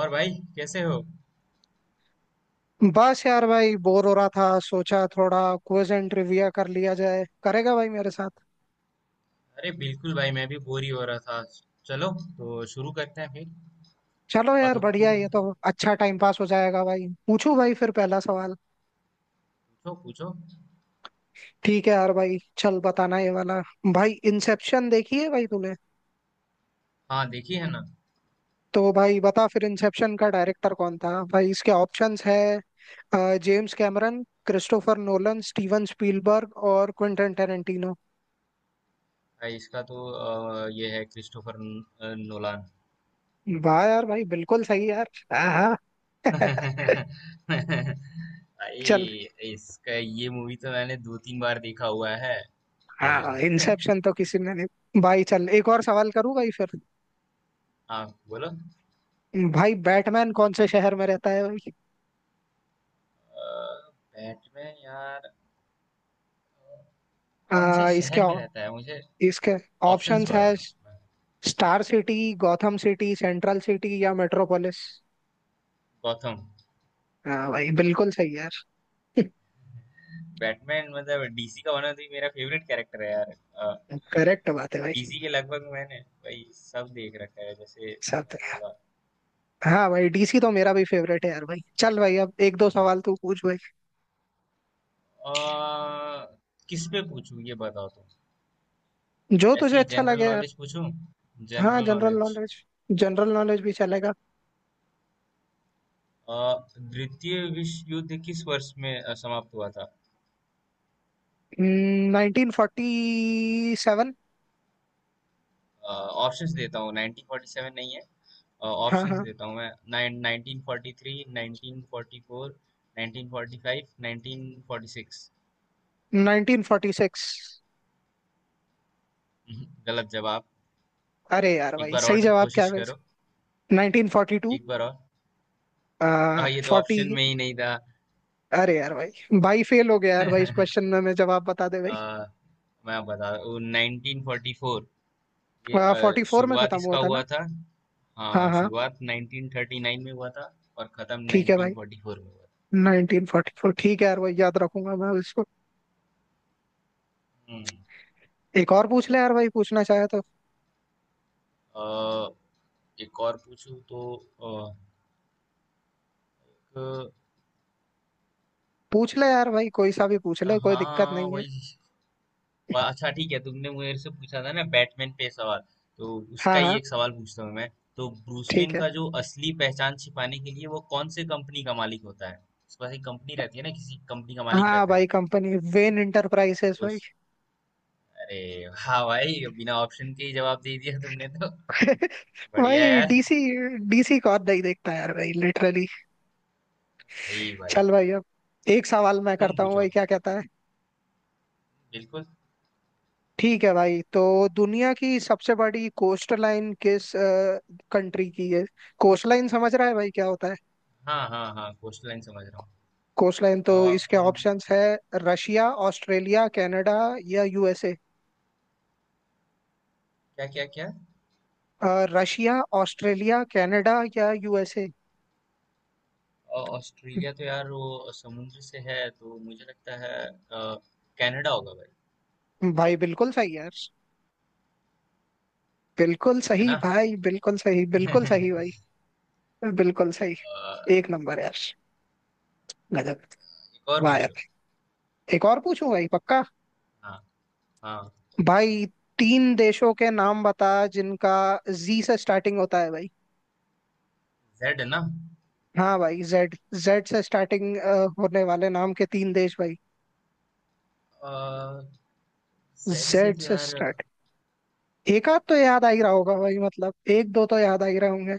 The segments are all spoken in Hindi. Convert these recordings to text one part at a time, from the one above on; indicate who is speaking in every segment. Speaker 1: और भाई कैसे हो।
Speaker 2: बस यार भाई बोर हो रहा था। सोचा थोड़ा क्विज एंड ट्रिविया कर लिया जाए। करेगा भाई मेरे साथ?
Speaker 1: अरे बिल्कुल भाई मैं भी बोर ही हो रहा था। चलो, तो शुरू करते हैं फिर।
Speaker 2: चलो
Speaker 1: और
Speaker 2: यार
Speaker 1: तो
Speaker 2: बढ़िया,
Speaker 1: तुम
Speaker 2: ये तो अच्छा टाइम पास हो जाएगा भाई। पूछू भाई फिर पहला सवाल।
Speaker 1: पूछो पूछो।
Speaker 2: ठीक है यार भाई, चल बताना ये वाला। भाई इंसेप्शन देखी है भाई तूने?
Speaker 1: हाँ देखी है ना।
Speaker 2: तो भाई बता फिर, इंसेप्शन का डायरेक्टर कौन था भाई? इसके ऑप्शंस है - James Cameron, Christopher Nolan, Steven Spielberg और क्विंटन टेरेंटिनो।
Speaker 1: भाई इसका तो ये है क्रिस्टोफर न- अ, नोलान।
Speaker 2: वाह यार भाई, बिल्कुल सही यार। आहा।
Speaker 1: भाई
Speaker 2: चल।
Speaker 1: इसका ये मूवी तो मैंने दो तीन बार देखा हुआ है।
Speaker 2: हाँ, इंसेप्शन तो किसी ने नहीं। भाई चल एक और सवाल करूँ भाई फिर।
Speaker 1: हाँ बोलो।
Speaker 2: भाई बैटमैन कौन से शहर में रहता है भाई?
Speaker 1: बैटमैन यार, कौन से
Speaker 2: आ, इसके
Speaker 1: शहर में
Speaker 2: ऑ-
Speaker 1: रहता है मुझे
Speaker 2: इसके
Speaker 1: ऑप्शंस
Speaker 2: ऑप्शंस है -
Speaker 1: बताओ।
Speaker 2: Star City, Gotham City, Central City या मेट्रोपोलिस।
Speaker 1: गॉथम।
Speaker 2: हाँ भाई बिल्कुल सही यार।
Speaker 1: बैटमैन मतलब डीसी का होना, तो ये मेरा फेवरेट कैरेक्टर है यार।
Speaker 2: करेक्ट बात है भाई।
Speaker 1: डीसी के लगभग मैंने भाई सब देख रखा है जैसे
Speaker 2: साथ।
Speaker 1: तुमने बोला।
Speaker 2: हाँ भाई, डीसी तो मेरा भी फेवरेट है यार। भाई चल भाई, अब एक दो
Speaker 1: हम्म।
Speaker 2: सवाल तू पूछ भाई।
Speaker 1: आ, किस पे पूछूं ये बताओ तुम।
Speaker 2: जो तुझे
Speaker 1: ऐसी
Speaker 2: अच्छा
Speaker 1: जनरल
Speaker 2: लगे यार।
Speaker 1: नॉलेज पूछूं?
Speaker 2: हाँ
Speaker 1: general
Speaker 2: general
Speaker 1: knowledge.
Speaker 2: Knowledge. General knowledge भी चलेगा।
Speaker 1: द्वितीय विश्व युद्ध किस वर्ष में समाप्त हुआ था?
Speaker 2: 1947।
Speaker 1: ऑप्शंस देता हूँ, 1947 नहीं है।
Speaker 2: हाँ
Speaker 1: ऑप्शंस
Speaker 2: हाँ,
Speaker 1: देता हूँ मैं, नाइन 1943, 1944, 1945, 1946।
Speaker 2: 1946।
Speaker 1: गलत जवाब।
Speaker 2: अरे यार
Speaker 1: एक
Speaker 2: भाई,
Speaker 1: बार
Speaker 2: सही
Speaker 1: और
Speaker 2: जवाब क्या है
Speaker 1: कोशिश
Speaker 2: वैसे?
Speaker 1: करो।
Speaker 2: 1942।
Speaker 1: एक बार और। ये तो
Speaker 2: 40।
Speaker 1: ऑप्शन में ही नहीं था।
Speaker 2: अरे यार भाई, भाई फेल हो गया यार भाई इस क्वेश्चन में। मैं, जवाब बता दे
Speaker 1: आ,
Speaker 2: भाई।
Speaker 1: मैं बता, वो नाइनटीन फोर्टी फोर। ये
Speaker 2: 44 में
Speaker 1: शुरुआत
Speaker 2: खत्म हुआ
Speaker 1: इसका
Speaker 2: था
Speaker 1: हुआ
Speaker 2: ना?
Speaker 1: था।
Speaker 2: हाँ
Speaker 1: हाँ
Speaker 2: हाँ।
Speaker 1: शुरुआत 1939 में हुआ था और खत्म
Speaker 2: ठीक है भाई।
Speaker 1: 1944 में हुआ था।
Speaker 2: 1944 ठीक है यार भाई, याद रखूंगा मैं इसको।
Speaker 1: हम्म।
Speaker 2: एक और पूछ ले यार भाई, पूछना चाहे तो।
Speaker 1: आ, एक और पूछूं तो। आ, एक-
Speaker 2: पूछ ले यार भाई, कोई सा भी पूछ ले, कोई दिक्कत
Speaker 1: हाँ
Speaker 2: नहीं है।
Speaker 1: वही। वाह, अच्छा ठीक है, तुमने मेरे से पूछा था ना बैटमैन पे सवाल, तो उसका
Speaker 2: हाँ
Speaker 1: ही
Speaker 2: हाँ
Speaker 1: एक सवाल पूछता हूँ मैं। तो ब्रूस
Speaker 2: ठीक
Speaker 1: वेन
Speaker 2: है।
Speaker 1: का जो असली पहचान छिपाने के लिए, वो कौन से कंपनी का मालिक होता है? उसके पास एक कंपनी रहती है ना, किसी कंपनी का मालिक
Speaker 2: हाँ
Speaker 1: रहता है।
Speaker 2: भाई, कंपनी वेन इंटरप्राइजेस
Speaker 1: उस
Speaker 2: भाई।
Speaker 1: अरे, हाँ भाई बिना ऑप्शन के ही जवाब दे दिया तुमने तो। बढ़िया
Speaker 2: भाई
Speaker 1: यार।
Speaker 2: डीसी डीसी को नहीं देखता यार भाई लिटरली।
Speaker 1: भाई भाई,
Speaker 2: चल भाई, अब एक सवाल मैं
Speaker 1: तुम
Speaker 2: करता हूँ भाई,
Speaker 1: पूछो
Speaker 2: क्या कहता है?
Speaker 1: बिल्कुल।
Speaker 2: ठीक है भाई, तो दुनिया की सबसे बड़ी कोस्ट लाइन किस कंट्री की है? कोस्ट लाइन समझ रहा है भाई क्या होता है?
Speaker 1: हाँ हाँ हाँ, कोस्टल लाइन समझ रहा हूँ।
Speaker 2: कोस्ट लाइन तो।
Speaker 1: अ,
Speaker 2: इसके
Speaker 1: उम,
Speaker 2: ऑप्शंस है - रशिया, ऑस्ट्रेलिया, कनाडा या यूएसए।
Speaker 1: क्या क्या क्या।
Speaker 2: रशिया, ऑस्ट्रेलिया, कनाडा या यूएसए।
Speaker 1: ऑस्ट्रेलिया तो यार वो समुद्र से है तो मुझे लगता है कनाडा होगा भाई।
Speaker 2: भाई बिल्कुल सही यार। बिल्कुल
Speaker 1: है
Speaker 2: सही
Speaker 1: ना।
Speaker 2: भाई, बिल्कुल सही, बिल्कुल
Speaker 1: अ,
Speaker 2: सही भाई। बिल्कुल सही। एक नंबर यार। गजब।
Speaker 1: एक और
Speaker 2: वाह
Speaker 1: पूछो।
Speaker 2: यार। एक और पूछूं भाई पक्का?
Speaker 1: हाँ हाँ।
Speaker 2: भाई तीन देशों के नाम बता जिनका जी से स्टार्टिंग होता है भाई।
Speaker 1: जेड है ना।
Speaker 2: हाँ भाई जेड। जेड से स्टार्टिंग होने वाले नाम के तीन देश भाई।
Speaker 1: जेड से
Speaker 2: जेड
Speaker 1: तो
Speaker 2: से
Speaker 1: यार
Speaker 2: स्टार्ट। एक आध तो याद आ ही रहा होगा भाई, मतलब एक दो तो याद आ ही रहे होंगे।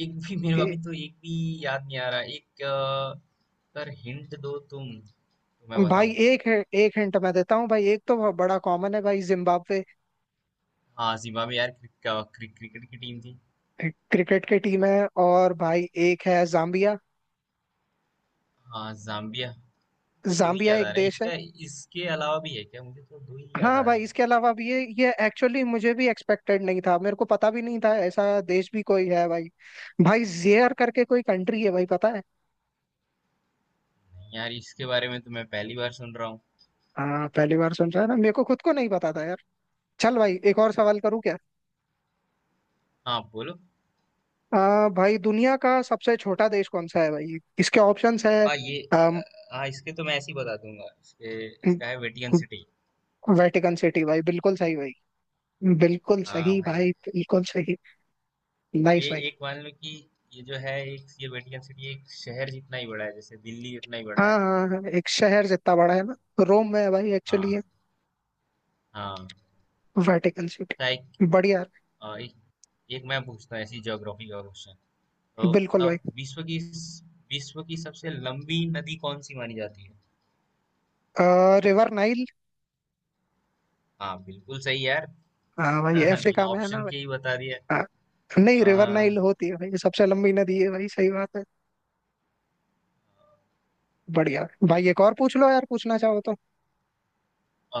Speaker 1: एक भी मेरे,
Speaker 2: ए,
Speaker 1: अभी तो एक भी याद नहीं आ रहा। एक पर हिंट दो तुम तो मैं
Speaker 2: भाई
Speaker 1: बताऊं।
Speaker 2: एक है, एक हिंट मैं देता हूँ भाई। एक तो बहुत बड़ा कॉमन है भाई, जिम्बाब्वे।
Speaker 1: हाँ जिम्बाब्वे यार, क्रिक, क्रिक, क्रिकेट की टीम थी।
Speaker 2: क्रिकेट की टीम है, और भाई एक है जाम्बिया।
Speaker 1: हाँ जाम्बिया। तो दो ही
Speaker 2: जाम्बिया
Speaker 1: याद आ
Speaker 2: एक
Speaker 1: रहे हैं
Speaker 2: देश है।
Speaker 1: इसका। इसके अलावा भी है क्या? मुझे तो दो ही याद
Speaker 2: हाँ
Speaker 1: आ रहे
Speaker 2: भाई,
Speaker 1: हैं।
Speaker 2: इसके अलावा भी ये एक्चुअली मुझे भी एक्सपेक्टेड नहीं था, मेरे को पता भी नहीं था ऐसा देश भी कोई है भाई। भाई जेयर करके कोई कंट्री है भाई, पता है?
Speaker 1: नहीं यार, इसके बारे में तो मैं पहली बार सुन रहा हूँ।
Speaker 2: हाँ पहली बार सुन रहा है ना, मेरे को खुद को नहीं पता था यार। चल भाई, एक और सवाल करूँ क्या?
Speaker 1: हाँ बोलो।
Speaker 2: भाई दुनिया का सबसे छोटा देश कौन सा है भाई? इसके ऑप्शंस है।
Speaker 1: हाँ ये
Speaker 2: अम,
Speaker 1: हाँ इसके तो मैं ऐसे ही बता दूंगा इसके। इसका है वेटिकन सिटी।
Speaker 2: वेटिकन सिटी भाई बिल्कुल सही भाई। बिल्कुल
Speaker 1: हाँ
Speaker 2: सही
Speaker 1: भाई।
Speaker 2: भाई, बिल्कुल सही। नाइस
Speaker 1: ये
Speaker 2: भाई।
Speaker 1: एक मान लो कि ये जो है एक ये वेटिकन सिटी एक शहर जितना ही बड़ा है, जैसे दिल्ली जितना ही बड़ा है।
Speaker 2: हाँ हाँ हाँ, एक शहर जितना बड़ा है ना। रोम में है भाई, एक्चुअली
Speaker 1: हाँ
Speaker 2: है
Speaker 1: हाँ।
Speaker 2: वेटिकन
Speaker 1: तो एक,
Speaker 2: सिटी। बढ़िया।
Speaker 1: अ, एक, एक मैं पूछता हूँ ऐसी ज्योग्राफी का क्वेश्चन। तो
Speaker 2: बिल्कुल भाई।
Speaker 1: बताओ, विश्व की सबसे लंबी नदी कौन सी मानी जाती है?
Speaker 2: River Nile.
Speaker 1: हाँ बिल्कुल सही यार।
Speaker 2: हाँ भाई,
Speaker 1: बिना
Speaker 2: अफ्रीका में है ना
Speaker 1: ऑप्शन के ही
Speaker 2: भाई?
Speaker 1: बता दिया।
Speaker 2: आ, नहीं,
Speaker 1: अ,
Speaker 2: रिवर नाइल होती है भाई, सबसे लंबी नदी है भाई। सही बात है। बढ़िया भाई, एक और पूछ लो यार पूछना चाहो तो।
Speaker 1: अ,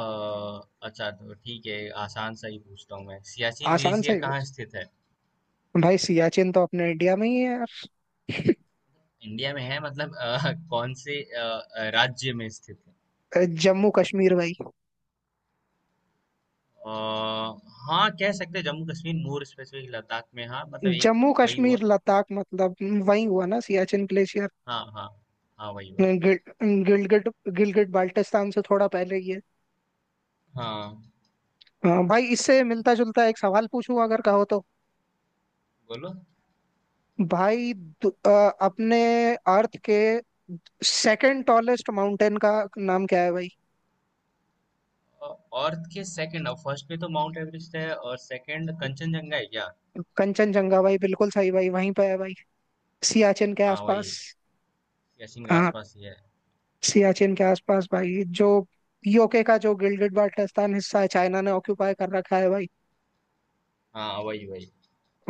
Speaker 1: अच्छा तो ठीक है, आसान सा ही पूछता हूँ मैं। सियाचिन
Speaker 2: आसान सा
Speaker 1: ग्लेशियर
Speaker 2: ही
Speaker 1: कहाँ
Speaker 2: पूछ।
Speaker 1: स्थित है?
Speaker 2: भाई सियाचिन तो अपने इंडिया में ही है यार।
Speaker 1: इंडिया में है मतलब कौन से राज्य में स्थित है?
Speaker 2: जम्मू कश्मीर भाई।
Speaker 1: हाँ, कह सकते हैं जम्मू कश्मीर, मोर स्पेसिफिक लद्दाख में। हाँ मतलब एक,
Speaker 2: जम्मू
Speaker 1: वही हुआ।
Speaker 2: कश्मीर लद्दाख मतलब वही हुआ ना। सियाचिन ग्लेशियर।
Speaker 1: हाँ हाँ। हाँ वही हुआ।
Speaker 2: गिलगिट गिलगिट बाल्टिस्तान से थोड़ा पहले ही है।
Speaker 1: हाँ
Speaker 2: हाँ, भाई इससे मिलता जुलता एक सवाल पूछूं अगर कहो तो।
Speaker 1: बोलो।
Speaker 2: भाई अपने अर्थ के सेकंड टॉलेस्ट माउंटेन का नाम क्या है भाई?
Speaker 1: अर्थ के सेकंड, फर्स्ट पे तो माउंट एवरेस्ट है और सेकंड कंचनजंगा है क्या?
Speaker 2: कंचनजंगा भाई बिल्कुल सही भाई। वहीं पे है भाई, सियाचिन के
Speaker 1: हाँ
Speaker 2: आसपास।
Speaker 1: वही गेसिंग के
Speaker 2: हाँ,
Speaker 1: आसपास ही है।
Speaker 2: सियाचिन के आसपास भाई। जो यूके का जो गिल्डेड बाल्टिस्तान हिस्सा है, चाइना ने ऑक्यूपाई कर रखा है भाई।
Speaker 1: हाँ वही वही।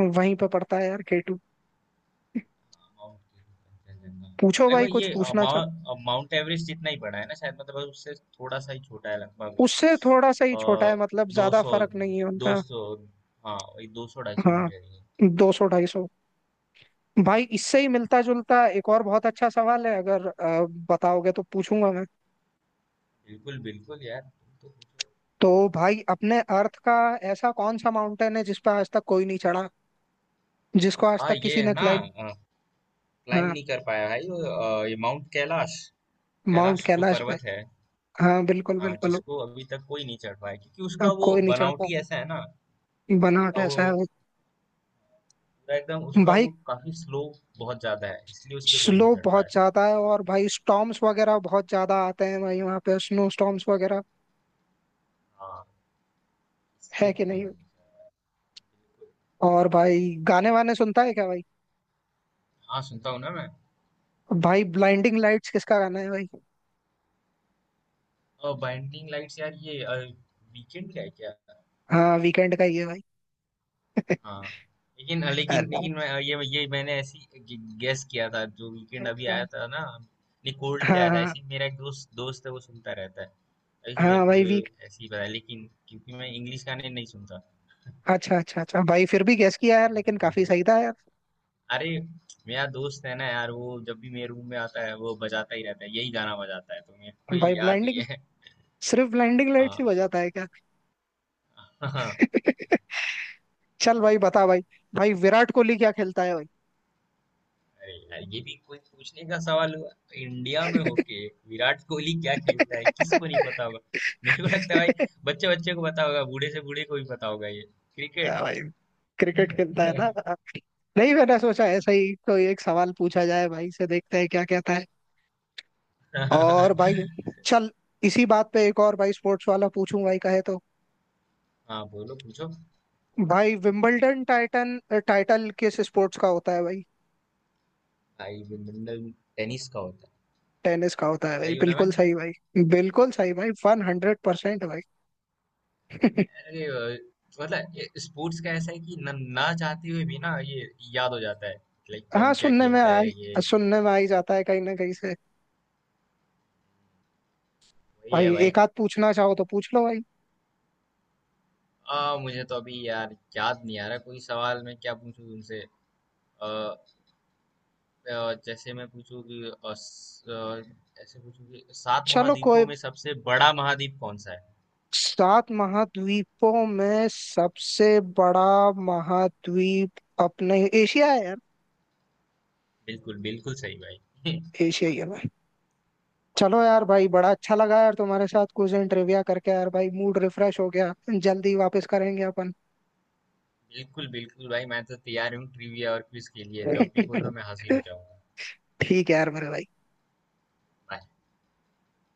Speaker 2: वहीं पे पड़ता है यार, केटू।
Speaker 1: हाँ, माउंट कंचनजंगा।
Speaker 2: पूछो भाई,
Speaker 1: लगभग
Speaker 2: कुछ
Speaker 1: ये
Speaker 2: पूछना चाहो।
Speaker 1: माउंट एवरेस्ट जितना ही बड़ा है ना शायद, मतलब उससे थोड़ा सा ही छोटा है लगभग।
Speaker 2: उससे थोड़ा सा ही छोटा है मतलब,
Speaker 1: दो
Speaker 2: ज्यादा
Speaker 1: सौ,
Speaker 2: फर्क नहीं है
Speaker 1: दो
Speaker 2: उनका।
Speaker 1: सौ हाँ वही 200 ढाई सौ
Speaker 2: हाँ,
Speaker 1: मीटर ही है।
Speaker 2: 200, 250। भाई इससे ही मिलता जुलता एक और बहुत अच्छा सवाल है, अगर बताओगे तो पूछूंगा मैं।
Speaker 1: बिल्कुल, बिल्कुल यार तुम तो पूछो।
Speaker 2: तो भाई अपने अर्थ का ऐसा कौन सा माउंटेन है जिस पर आज तक कोई नहीं चढ़ा, जिसको आज
Speaker 1: हाँ
Speaker 2: तक
Speaker 1: ये
Speaker 2: किसी
Speaker 1: है
Speaker 2: ने
Speaker 1: ना,
Speaker 2: क्लाइंब।
Speaker 1: क्लाइम
Speaker 2: हाँ
Speaker 1: नहीं कर पाया भाई वो, ये माउंट कैलाश।
Speaker 2: माउंट
Speaker 1: कैलाश जो
Speaker 2: कैलाश पे।
Speaker 1: पर्वत है।
Speaker 2: हाँ बिल्कुल बिल्कुल।
Speaker 1: जिसको अभी तक कोई नहीं चढ़ पाया, क्योंकि उसका वो
Speaker 2: कोई नहीं चढ़
Speaker 1: बनावटी
Speaker 2: पाया।
Speaker 1: ऐसा है ना।
Speaker 2: बनावट
Speaker 1: उसका वो
Speaker 2: ऐसा है वो।
Speaker 1: पूरा एकदम उसका
Speaker 2: भाई
Speaker 1: वो काफी स्लो बहुत ज्यादा है, इसलिए उस पे कोई नहीं
Speaker 2: स्लो
Speaker 1: चढ़
Speaker 2: बहुत
Speaker 1: पाया।
Speaker 2: ज्यादा है, और भाई स्टॉर्म्स वगैरह बहुत ज्यादा आते हैं भाई वहाँ पे, स्नो स्टॉर्म्स वगैरह।
Speaker 1: हाँ,
Speaker 2: है
Speaker 1: इसलिए
Speaker 2: कि
Speaker 1: कोई
Speaker 2: नहीं?
Speaker 1: नहीं चढ़ा। बिल्कुल।
Speaker 2: और भाई गाने वाने सुनता है क्या भाई?
Speaker 1: हाँ सुनता हूँ ना मैं।
Speaker 2: भाई ब्लाइंडिंग लाइट्स किसका गाना है भाई?
Speaker 1: और बाइंडिंग लाइट्स यार, ये वीकेंड का है क्या?
Speaker 2: हाँ वीकेंड का ही है भाई।
Speaker 1: हाँ लेकिन लेकिन
Speaker 2: अरे
Speaker 1: लेकिन मैं ये मैंने ऐसी गेस किया था। जो वीकेंड अभी आया
Speaker 2: हाँ
Speaker 1: था ना, नहीं कोल्ड पे आया था,
Speaker 2: हाँ
Speaker 1: ऐसे ही मेरा एक दोस्त दोस्त है वो सुनता रहता है। ऐसे मेरे
Speaker 2: हाँ
Speaker 1: को
Speaker 2: भाई
Speaker 1: ये
Speaker 2: वीक।
Speaker 1: ऐसे ही पता है, लेकिन क्योंकि मैं इंग्लिश गाने नहीं सुनता।
Speaker 2: अच्छा अच्छा अच्छा भाई, फिर भी गैस किया यार, लेकिन काफी सही था यार।
Speaker 1: अरे मेरा दोस्त है ना यार, वो जब भी मेरे रूम में आता है वो बजाता ही रहता है, यही गाना बजाता है, तो मेरे को ये
Speaker 2: भाई
Speaker 1: याद ही
Speaker 2: ब्लाइंडिंग,
Speaker 1: है।
Speaker 2: सिर्फ ब्लाइंडिंग लाइट से हो जाता है क्या?
Speaker 1: हाँ।
Speaker 2: चल भाई बता भाई। भाई विराट कोहली क्या खेलता है भाई?
Speaker 1: अरे यार, ये भी कोई पूछने का सवाल हुआ? तो इंडिया में होके विराट कोहली क्या खेलता है किसको नहीं पता होगा। मेरे को लगता है भाई बच्चे बच्चे को पता होगा, बूढ़े से बूढ़े को भी पता होगा ये।
Speaker 2: हाँ भाई क्रिकेट खेलता है
Speaker 1: क्रिकेट।
Speaker 2: ना। नहीं, मैंने सोचा ऐसा ही कोई एक सवाल पूछा जाए भाई से, देखते हैं क्या कहता है। और भाई चल, इसी बात पे एक और भाई स्पोर्ट्स वाला पूछूं भाई कहे तो।
Speaker 1: हाँ बोलो पूछो।
Speaker 2: भाई विंबलडन टाइटन, टाइटल किस स्पोर्ट्स का होता है भाई?
Speaker 1: भाई विंबलडन टेनिस का होता
Speaker 2: टेनिस का होता
Speaker 1: है।
Speaker 2: है
Speaker 1: ऐसा
Speaker 2: भाई,
Speaker 1: ही होना मैं।
Speaker 2: बिल्कुल सही भाई, बिल्कुल सही भाई, 100% भाई।
Speaker 1: अरे मतलब स्पोर्ट्स का ऐसा है कि न, ना चाहते हुए भी ना ये याद हो जाता है। लाइक
Speaker 2: हाँ
Speaker 1: कौन क्या
Speaker 2: सुनने में
Speaker 1: खेलता है
Speaker 2: आई,
Speaker 1: ये।
Speaker 2: सुनने में आ ही जाता है कहीं ना कहीं से।
Speaker 1: वही
Speaker 2: भाई
Speaker 1: है भाई।
Speaker 2: एक आध पूछना चाहो तो पूछ लो भाई।
Speaker 1: मुझे तो अभी यार याद नहीं आ रहा कोई सवाल, मैं क्या पूछूं तुमसे। जैसे मैं पूछूं कि ऐसे पूछूं कि 7
Speaker 2: चलो कोई।
Speaker 1: महाद्वीपों में सबसे बड़ा महाद्वीप कौन सा है?
Speaker 2: सात महाद्वीपों में सबसे बड़ा महाद्वीप अपने एशिया है यार।
Speaker 1: बिल्कुल बिल्कुल सही भाई।
Speaker 2: एशिया ही है भाई। चलो यार भाई, बड़ा अच्छा लगा यार तुम्हारे साथ कुछ दिन ट्रिविया करके यार भाई, मूड रिफ्रेश हो गया। जल्दी वापस करेंगे अपन।
Speaker 1: बिल्कुल बिल्कुल भाई, मैं तो तैयार हूँ ट्रिविया और क्विज के लिए, जब भी बोलो मैं हाजिर हो जाऊंगा।
Speaker 2: ठीक है यार मेरे भाई।